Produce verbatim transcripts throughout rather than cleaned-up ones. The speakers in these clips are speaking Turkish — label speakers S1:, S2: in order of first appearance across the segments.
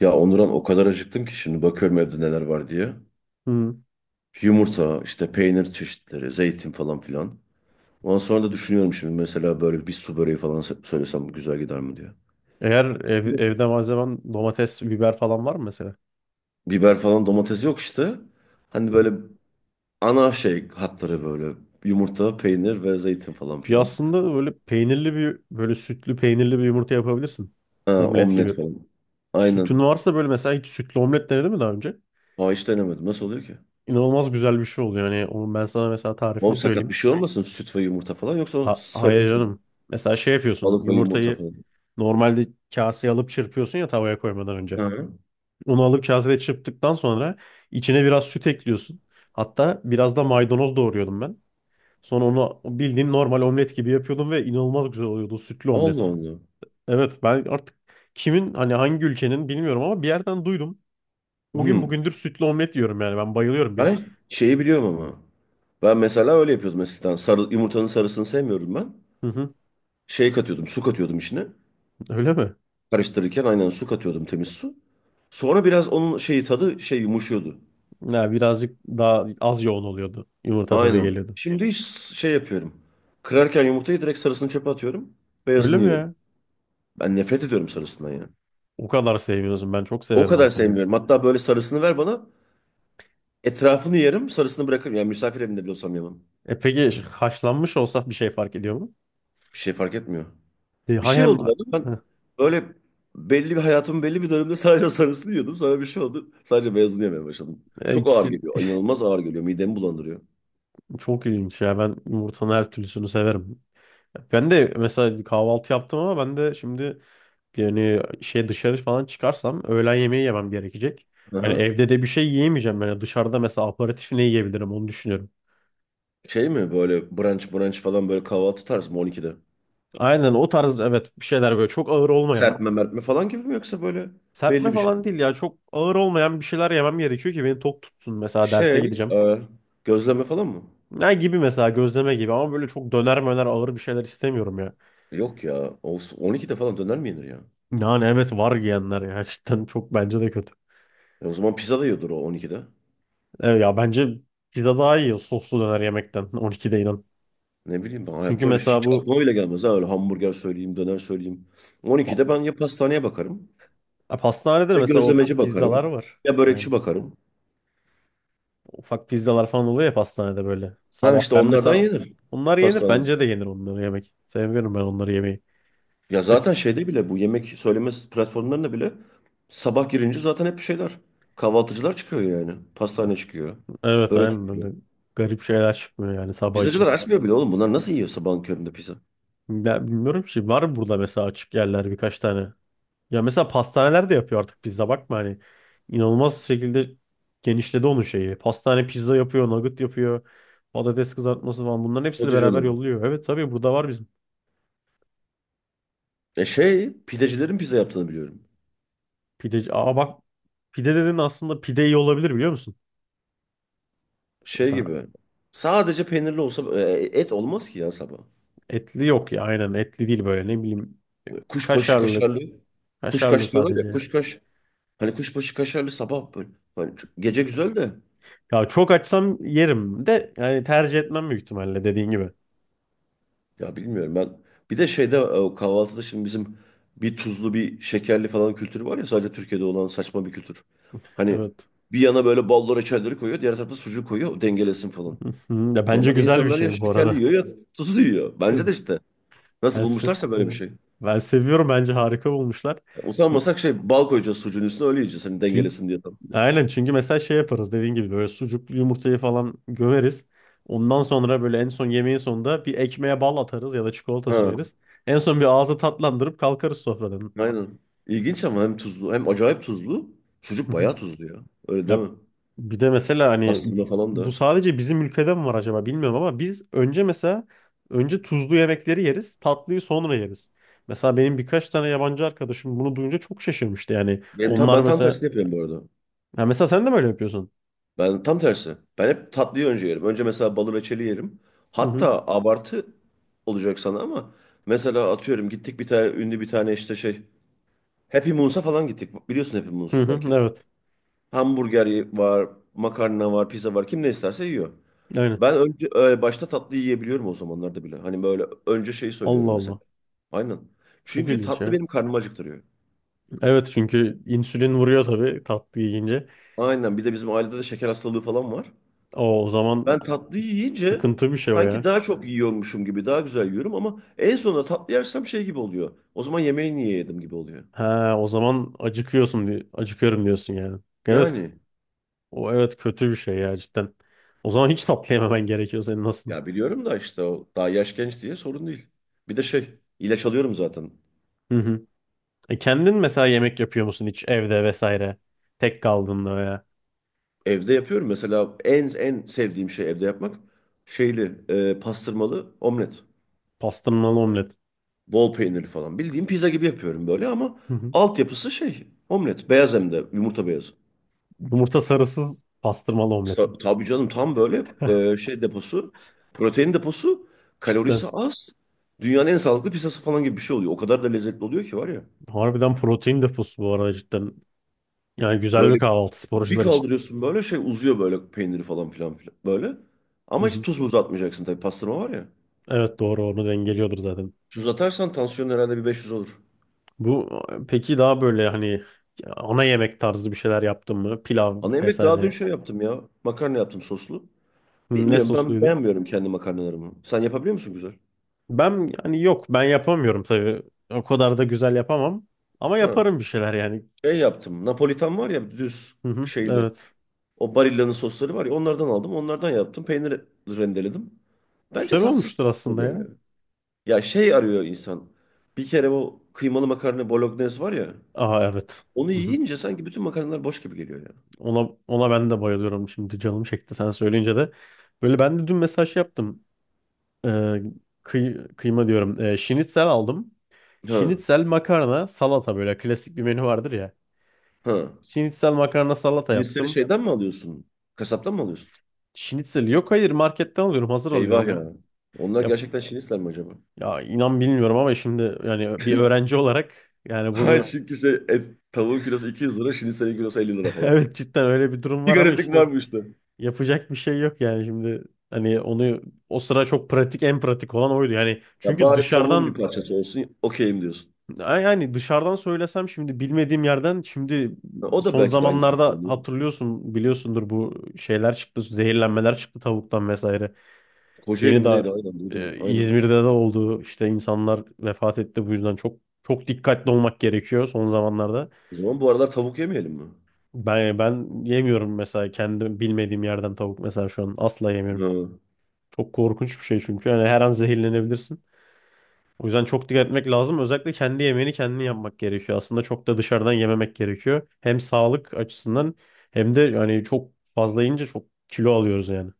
S1: Ya Onuran o kadar acıktım ki şimdi bakıyorum evde neler var diye.
S2: Hı.
S1: Yumurta, işte peynir çeşitleri, zeytin falan filan. Ondan sonra da düşünüyorum şimdi mesela böyle bir su böreği falan sö- söylesem güzel gider mi diye.
S2: Eğer ev- evde malzemen domates, biber falan var mı mesela?
S1: Biber falan domates yok işte. Hani
S2: Hı hı.
S1: böyle ana şey hatları böyle yumurta, peynir ve zeytin falan
S2: Bir
S1: filan.
S2: aslında böyle peynirli bir böyle sütlü peynirli bir yumurta yapabilirsin.
S1: Ha,
S2: Omlet
S1: omlet
S2: gibi.
S1: falan.
S2: Sütün
S1: Aynen.
S2: varsa böyle mesela hiç sütlü omlet denedin mi daha önce?
S1: Ha, hiç denemedim. Nasıl oluyor ki?
S2: İnanılmaz güzel bir şey oluyor. Yani onun ben sana mesela tarifini
S1: Oğlum sakat bir
S2: söyleyeyim.
S1: şey olmasın, süt ve yumurta falan yoksa o
S2: Ha, hayır
S1: söylenti mi?
S2: canım. Mesela şey yapıyorsun.
S1: Balık ve yumurta
S2: Yumurtayı
S1: falan.
S2: normalde kaseye alıp çırpıyorsun ya tavaya koymadan önce.
S1: Hı.
S2: Onu alıp kasede çırptıktan sonra içine biraz süt ekliyorsun. Hatta biraz da maydanoz doğruyordum ben. Sonra onu bildiğin normal omlet gibi yapıyordum ve inanılmaz güzel oluyordu o sütlü
S1: Allah
S2: omlet.
S1: Allah.
S2: Evet, ben artık kimin, hani hangi ülkenin bilmiyorum ama bir yerden duydum. O gün
S1: Hmm.
S2: bugündür sütlü omlet yiyorum, yani ben bayılıyorum bir.
S1: Ben şeyi biliyorum ama. Ben mesela öyle yapıyordum eskiden. Sarı, yumurtanın sarısını sevmiyorum ben.
S2: Hı hı,
S1: Şey katıyordum, su katıyordum içine.
S2: öyle mi?
S1: Karıştırırken aynen su katıyordum, temiz su. Sonra biraz onun şeyi tadı şey yumuşuyordu.
S2: Ya birazcık daha az yoğun oluyordu. Yumurta tadı
S1: Aynen.
S2: geliyordu.
S1: Şimdi hiç şey yapıyorum. Kırarken yumurtayı direkt sarısını çöpe atıyorum.
S2: Öyle
S1: Beyazını
S2: mi
S1: yiyorum.
S2: ya?
S1: Ben nefret ediyorum sarısından ya.
S2: O kadar sevmiyorsun, ben çok
S1: O
S2: severim
S1: kadar
S2: mesela.
S1: sevmiyorum. Hatta böyle sarısını ver bana. Etrafını yerim, sarısını bırakırım. Yani misafir evinde bile olsam yemem.
S2: E peki haşlanmış olsa bir şey fark ediyor mu?
S1: Bir şey fark etmiyor.
S2: E,
S1: Bir
S2: hay-
S1: şey
S2: hem...
S1: oldu bana.
S2: Heh.
S1: Ben böyle belli bir hayatımın belli bir döneminde sadece sarısını yiyordum. Sonra bir şey oldu. Sadece beyazını yemeye başladım.
S2: E,
S1: Çok ağır
S2: ikisi
S1: geliyor. İnanılmaz ağır geliyor. Midemi bulandırıyor.
S2: çok ilginç ya, ben yumurtanın her türlüsünü severim. Ben de mesela kahvaltı yaptım ama ben de şimdi... Yani şey, dışarı falan çıkarsam öğlen yemeği yemem gerekecek. Hani
S1: Aha.
S2: evde de bir şey yiyemeyeceğim. Yani dışarıda mesela aperatif ne yiyebilirim, onu düşünüyorum.
S1: Şey mi böyle brunch brunch falan böyle kahvaltı tarzı mı on ikide?
S2: Aynen o tarz evet, bir şeyler böyle çok ağır olmayan.
S1: Serpme mertme falan gibi mi, yoksa böyle
S2: Serpme
S1: belli bir şey
S2: falan
S1: mi?
S2: değil ya, çok ağır olmayan bir şeyler yemem gerekiyor ki beni tok tutsun. Mesela derse
S1: Şey
S2: gideceğim.
S1: e, gözleme falan mı?
S2: Ne gibi mesela, gözleme gibi ama böyle çok döner möner ağır bir şeyler istemiyorum ya.
S1: Yok ya. O, on ikide falan döner mi yenir ya?
S2: Yani evet, var yiyenler ya cidden çok bence de kötü.
S1: E o zaman pizza da yiyordur o on ikide.
S2: Evet ya, bence pizza daha iyi soslu döner yemekten on ikide, inan.
S1: Ne bileyim, ben
S2: Çünkü
S1: hayatta öyle şey
S2: mesela
S1: hiç
S2: bu...
S1: aklıma bile gelmez ha, öyle hamburger söyleyeyim, döner söyleyeyim. on ikide ben ya pastaneye bakarım,
S2: Ya pastanede de
S1: ya
S2: mesela o
S1: gözlemeci
S2: pizzalar
S1: bakarım,
S2: var.
S1: ya
S2: Yani
S1: börekçi bakarım.
S2: ufak pizzalar falan oluyor ya pastanede böyle.
S1: Ha,
S2: Sabah
S1: işte
S2: ben
S1: onlardan
S2: mesela
S1: yenir.
S2: onlar yenir.
S1: Pastaneci.
S2: Bence de yenir onları yemek. Seviyorum ben onları yemeyi.
S1: Ya zaten
S2: Es-
S1: şeyde bile, bu yemek söyleme platformlarında bile sabah girince zaten hep bir şeyler. Kahvaltıcılar çıkıyor yani. Pastane çıkıyor.
S2: Evet
S1: Börek
S2: aynen,
S1: çıkıyor.
S2: böyle garip şeyler çıkmıyor yani sabah
S1: Pizzacılar
S2: için.
S1: açmıyor bile oğlum. Bunlar nasıl yiyor sabahın köründe pizza?
S2: Ya bilmiyorum ki, var mı burada mesela açık yerler birkaç tane. Ya mesela pastaneler de yapıyor artık pizza, bakma hani, inanılmaz şekilde genişledi onun şeyi. Pastane pizza yapıyor, nugget yapıyor, patates kızartması falan, bunların hepsini
S1: Hadi
S2: beraber
S1: canım.
S2: yolluyor. Evet tabii, burada var bizim.
S1: E şey, pidecilerin pizza yaptığını biliyorum.
S2: Pideci. Aa bak, pide dedin, aslında pide iyi olabilir biliyor musun?
S1: Şey
S2: Mesela
S1: gibi. Sadece peynirli olsa e, et olmaz ki ya sabah.
S2: etli yok ya, aynen etli değil, böyle ne bileyim,
S1: Kuşbaşı
S2: kaşarlı
S1: kaşarlı.
S2: kaşarlı
S1: Kuşkaş diyorlar ya.
S2: sadece.
S1: Kuşkaş. Hani kuşbaşı kaşarlı sabah böyle. Hani çok- gece güzel de,
S2: Ya çok açsam yerim de, yani tercih etmem büyük ihtimalle dediğin gibi.
S1: ya bilmiyorum ben. Bir de şeyde e, o kahvaltıda şimdi bizim bir tuzlu bir şekerli falan kültürü var ya, sadece Türkiye'de olan saçma bir kültür. Hani
S2: Evet.
S1: bir yana böyle ballı reçelleri koyuyor, diğer tarafa sucuk koyuyor, o dengelesin falan.
S2: Ya bence
S1: Normalde
S2: güzel bir
S1: insanlar ya
S2: şey bu
S1: şekerli
S2: arada.
S1: yiyor ya tuzlu yiyor. Bence de işte nasıl
S2: Ben, se-
S1: bulmuşlarsa böyle bir şey.
S2: ben seviyorum, bence harika bulmuşlar.
S1: Yani utanmasak şey, bal koyacağız sucuğun üstüne öyle yiyeceğiz hani
S2: Çünkü...
S1: dengelesin diye tam.
S2: Aynen, çünkü mesela şey yaparız dediğin gibi, böyle sucuklu yumurtayı falan gömeriz. Ondan sonra böyle en son, yemeğin sonunda bir ekmeğe bal atarız ya da çikolata
S1: Ha,
S2: süreriz. En son bir ağzı tatlandırıp kalkarız sofradan.
S1: aynen. İlginç ama hem tuzlu hem acayip tuzlu.
S2: Hı
S1: Sucuk
S2: hı.
S1: bayağı tuzlu ya. Öyle değil
S2: Ya
S1: mi?
S2: bir de mesela hani
S1: Pastırma falan
S2: bu
S1: da.
S2: sadece bizim ülkede mi var acaba bilmiyorum ama biz önce mesela, önce tuzlu yemekleri yeriz, tatlıyı sonra yeriz. Mesela benim birkaç tane yabancı arkadaşım bunu duyunca çok şaşırmıştı yani.
S1: Ben tam
S2: Onlar
S1: ben tam
S2: mesela...
S1: tersini yapıyorum bu arada.
S2: Ha, mesela sen de böyle yapıyorsun?
S1: Ben tam tersi. Ben hep tatlıyı önce yerim. Önce mesela balı reçeli yerim.
S2: Hı hı.
S1: Hatta abartı olacak sana ama mesela atıyorum, gittik bir tane ünlü, bir tane işte şey, Happy Moons'a falan gittik. Biliyorsun Happy
S2: Hı
S1: Moons'u
S2: hı.
S1: belki.
S2: Evet.
S1: Hamburger ye- var, makarna var, pizza var. Kim ne isterse yiyor.
S2: Aynen.
S1: Ben önce e, başta tatlı yiyebiliyorum o zamanlarda bile. Hani böyle önce şey
S2: Allah
S1: söylüyorum mesela.
S2: Allah.
S1: Aynen.
S2: Çok
S1: Çünkü
S2: ilginç
S1: tatlı
S2: ya.
S1: benim karnımı acıktırıyor.
S2: Evet, çünkü insülin vuruyor tabii tatlı yiyince.
S1: Aynen. Bir de bizim ailede de şeker hastalığı falan var.
S2: O, o
S1: Ben
S2: zaman
S1: tatlıyı yiyince
S2: sıkıntı bir şey o
S1: sanki
S2: ya.
S1: daha çok yiyormuşum gibi daha güzel yiyorum ama en sonunda tatlı yersem şey gibi oluyor. O zaman yemeği niye yedim gibi oluyor.
S2: Ha, o zaman acıkıyorsun diye, acıkıyorum diyorsun yani. Evet,
S1: Yani,
S2: o evet, kötü bir şey ya cidden. O zaman hiç tatlı yememen gerekiyor senin aslında.
S1: ya biliyorum da işte o daha yaş genç diye sorun değil. Bir de şey, ilaç alıyorum zaten.
S2: Hı hı. E, kendin mesela yemek yapıyor musun hiç evde vesaire? Tek kaldığında veya...
S1: Evde yapıyorum mesela, en en sevdiğim şey evde yapmak şeyli e, pastırmalı omlet.
S2: pastırmalı omlet.
S1: Bol peynirli falan. Bildiğim pizza gibi yapıyorum böyle ama
S2: Hı hı.
S1: altyapısı şey, omlet. Beyaz, hem de yumurta beyazı.
S2: Yumurta sarısız pastırmalı omlet mi?
S1: Sa- Tabii canım, tam böyle e, şey deposu, protein deposu,
S2: Cidden.
S1: kalorisi az, dünyanın en sağlıklı pizzası falan gibi bir şey oluyor. O kadar da lezzetli oluyor ki var ya.
S2: Harbiden protein deposu bu arada, cidden. Yani güzel bir
S1: Böyle
S2: kahvaltı
S1: bir
S2: sporcular için.
S1: kaldırıyorsun böyle şey uzuyor böyle peyniri falan filan filan böyle. Ama hiç tuz muz atmayacaksın tabii, pastırma var ya.
S2: Evet doğru, onu dengeliyordur zaten.
S1: Tuz atarsan tansiyon herhalde bir beş yüz olur.
S2: Bu, peki daha böyle hani ana yemek tarzı bir şeyler yaptın mı? Pilav
S1: Ana yemek daha dün
S2: vesaire.
S1: şey yaptım ya. Makarna yaptım soslu.
S2: Ne
S1: Bilmiyorum, ben
S2: sosluydu?
S1: beğenmiyorum kendi makarnalarımı. Sen yapabiliyor musun güzel?
S2: Ben yani, yok ben yapamıyorum tabii. O kadar da güzel yapamam. Ama
S1: Ha.
S2: yaparım bir şeyler yani.
S1: Şey yaptım. Napolitan var ya, düz
S2: Hı hı,
S1: şeyli.
S2: evet.
S1: O Barilla'nın sosları var ya, onlardan aldım. Onlardan yaptım. Peynir rendeledim. Bence
S2: Güzel
S1: tatsız
S2: olmuştur aslında
S1: oluyor
S2: ya.
S1: yani. Ya şey arıyor insan. Bir kere o kıymalı makarna bolognese var ya.
S2: Aha, evet.
S1: Onu
S2: Hı hı.
S1: yiyince sanki bütün makarnalar boş gibi geliyor ya.
S2: Ona, ona ben de bayılıyorum. Şimdi canım çekti sen söyleyince de. Böyle ben de dün mesaj yaptım. Ee, kıy- kıyma diyorum. Ee, şinitsel aldım.
S1: Ha
S2: Şinitsel makarna salata, böyle klasik bir menü vardır ya.
S1: ha.
S2: Şinitsel makarna salata
S1: Şinitseli
S2: yaptım.
S1: şeyden mi alıyorsun? Kasaptan mı alıyorsun?
S2: Şinitsel, yok hayır marketten alıyorum, hazır
S1: Eyvah
S2: alıyorum ya.
S1: ya. Onlar
S2: Ya,
S1: gerçekten şinitsel mi acaba?
S2: ya inan bilmiyorum ama şimdi yani bir öğrenci olarak yani
S1: Hayır,
S2: bunu...
S1: çünkü şey et, tavuğun kilosu iki yüz lira, şinitselin kilosu elli lira falan.
S2: evet cidden öyle bir durum
S1: Bir
S2: var ama
S1: gariplik
S2: işte
S1: var bu işte.
S2: yapacak bir şey yok yani şimdi, hani onu, o sıra çok pratik, en pratik olan oydu yani,
S1: Ya
S2: çünkü
S1: bari tavuğun bir
S2: dışarıdan...
S1: parçası olsun, okeyim diyorsun.
S2: Ya yani dışarıdan söylesem şimdi, bilmediğim yerden şimdi...
S1: Ha, o da
S2: son
S1: belki de aynısını
S2: zamanlarda
S1: kullanıyor.
S2: hatırlıyorsun, biliyorsundur, bu şeyler çıktı, zehirlenmeler çıktı tavuktan vesaire.
S1: Kocaeli
S2: Yeni
S1: mi
S2: daha
S1: neydi? Aynen duydum.
S2: e,
S1: Aynen.
S2: İzmir'de de oldu işte, insanlar vefat etti bu yüzden çok çok dikkatli olmak gerekiyor son zamanlarda.
S1: O zaman bu aralar tavuk yemeyelim mi?
S2: Ben ben yemiyorum mesela, kendi bilmediğim yerden tavuk mesela şu an asla yemiyorum.
S1: Ha.
S2: Çok korkunç bir şey çünkü, yani her an zehirlenebilirsin. O yüzden çok dikkat etmek lazım. Özellikle kendi yemeğini kendin yapmak gerekiyor. Aslında çok da dışarıdan yememek gerekiyor. Hem sağlık açısından, hem de yani çok fazla yiyince çok kilo alıyoruz yani.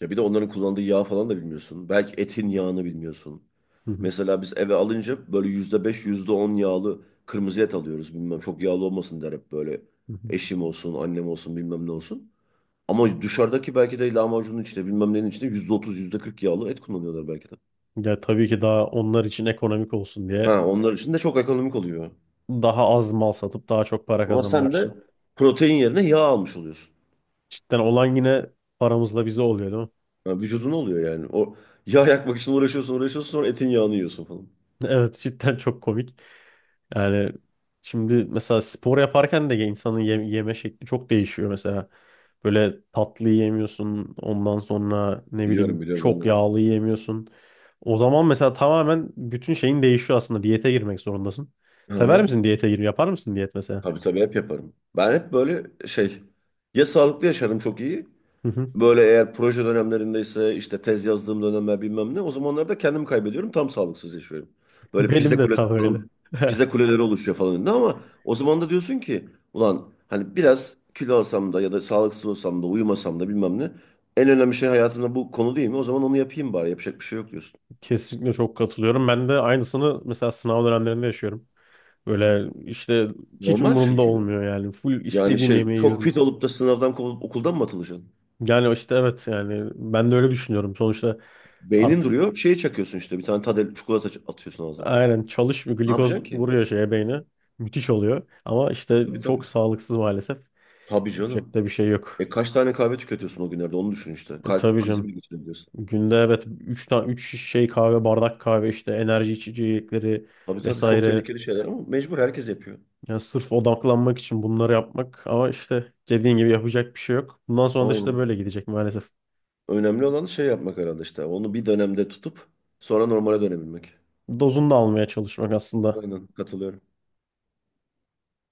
S1: Ya bir de onların kullandığı yağ falan da bilmiyorsun. Belki etin yağını bilmiyorsun.
S2: Hı hı,
S1: Mesela biz eve alınca böyle yüzde beş, yüzde on yağlı kırmızı et alıyoruz. Bilmem, çok yağlı olmasın der hep böyle.
S2: hı hı.
S1: Eşim olsun, annem olsun, bilmem ne olsun. Ama dışarıdaki belki de lahmacunun içinde bilmem nenin içinde yüzde otuz, yüzde kırk yağlı et kullanıyorlar belki de.
S2: Ya tabii ki, daha onlar için ekonomik olsun diye
S1: Ha, onlar için de çok ekonomik oluyor.
S2: daha az mal satıp daha çok para
S1: Ama
S2: kazanmak
S1: sen de
S2: için.
S1: protein yerine yağ almış oluyorsun.
S2: Cidden olan yine paramızla bize oluyor değil mi?
S1: Ya vücuduna oluyor yani. O yağ yakmak için uğraşıyorsun uğraşıyorsun sonra etin yağını yiyorsun falan.
S2: Evet, cidden çok komik. Yani şimdi mesela spor yaparken de insanın ye- yeme şekli çok değişiyor mesela. Böyle tatlı yemiyorsun, ondan sonra ne
S1: Biliyorum
S2: bileyim
S1: biliyorum ben de.
S2: çok yağlı yemiyorsun. O zaman mesela tamamen bütün şeyin değişiyor aslında. Diyete girmek zorundasın.
S1: Hı
S2: Sever
S1: hı.
S2: misin diyete girmeyi? Yapar mısın diyet mesela?
S1: Tabii tabii hep yaparım. Ben hep böyle şey, ya sağlıklı yaşarım çok iyi.
S2: Hı hı.
S1: Böyle eğer proje dönemlerindeyse işte, tez yazdığım dönemler bilmem ne, o zamanlarda kendimi kaybediyorum, tam sağlıksız yaşıyorum. Böyle
S2: Benim
S1: pizza
S2: de
S1: kuleleri
S2: tam öyle.
S1: falan, pizza kuleleri oluşuyor falan önünde ama o zaman da diyorsun ki ulan hani biraz kilo alsam da ya da sağlıksız olsam da uyumasam da bilmem ne, en önemli şey hayatımda bu konu değil mi? O zaman onu yapayım bari, yapacak bir şey yok diyorsun.
S2: Kesinlikle, çok katılıyorum. Ben de aynısını mesela sınav dönemlerinde yaşıyorum. Böyle işte hiç
S1: Normal
S2: umurumda
S1: çünkü.
S2: olmuyor yani. Full
S1: Yani
S2: istediğim
S1: şey,
S2: yemeği
S1: çok
S2: yiyorum.
S1: fit olup da sınavdan kovulup okuldan mı atılacaksın?
S2: Yani işte evet, yani ben de öyle düşünüyorum. Sonuçta
S1: Beynin
S2: artık,
S1: duruyor. Şeye çakıyorsun işte, bir tane tadel çikolata ç- atıyorsun ağzına falan.
S2: aynen, çalış,
S1: Ne
S2: glikoz
S1: yapacaksın ki?
S2: vuruyor şeye, beyne. Müthiş oluyor. Ama işte
S1: Tabii
S2: çok
S1: tabii.
S2: sağlıksız maalesef.
S1: Tabii
S2: Yapacak
S1: canım.
S2: da bir şey yok.
S1: E kaç tane kahve tüketiyorsun o günlerde, onu düşün işte.
S2: E,
S1: Kalp
S2: tabii
S1: krizi
S2: canım.
S1: bile geçirebiliyorsun.
S2: Günde evet üç tane, üç şey kahve, bardak kahve, işte enerji içecekleri
S1: Tabii tabii, çok
S2: vesaire.
S1: tehlikeli şeyler ama mecbur herkes yapıyor.
S2: Yani sırf odaklanmak için bunları yapmak ama işte dediğin gibi yapacak bir şey yok. Bundan sonra da işte
S1: Aynen.
S2: böyle gidecek maalesef.
S1: Önemli olan şey yapmak herhalde işte. Onu bir dönemde tutup sonra normale dönebilmek.
S2: Dozunu da almaya çalışmak aslında.
S1: Aynen katılıyorum.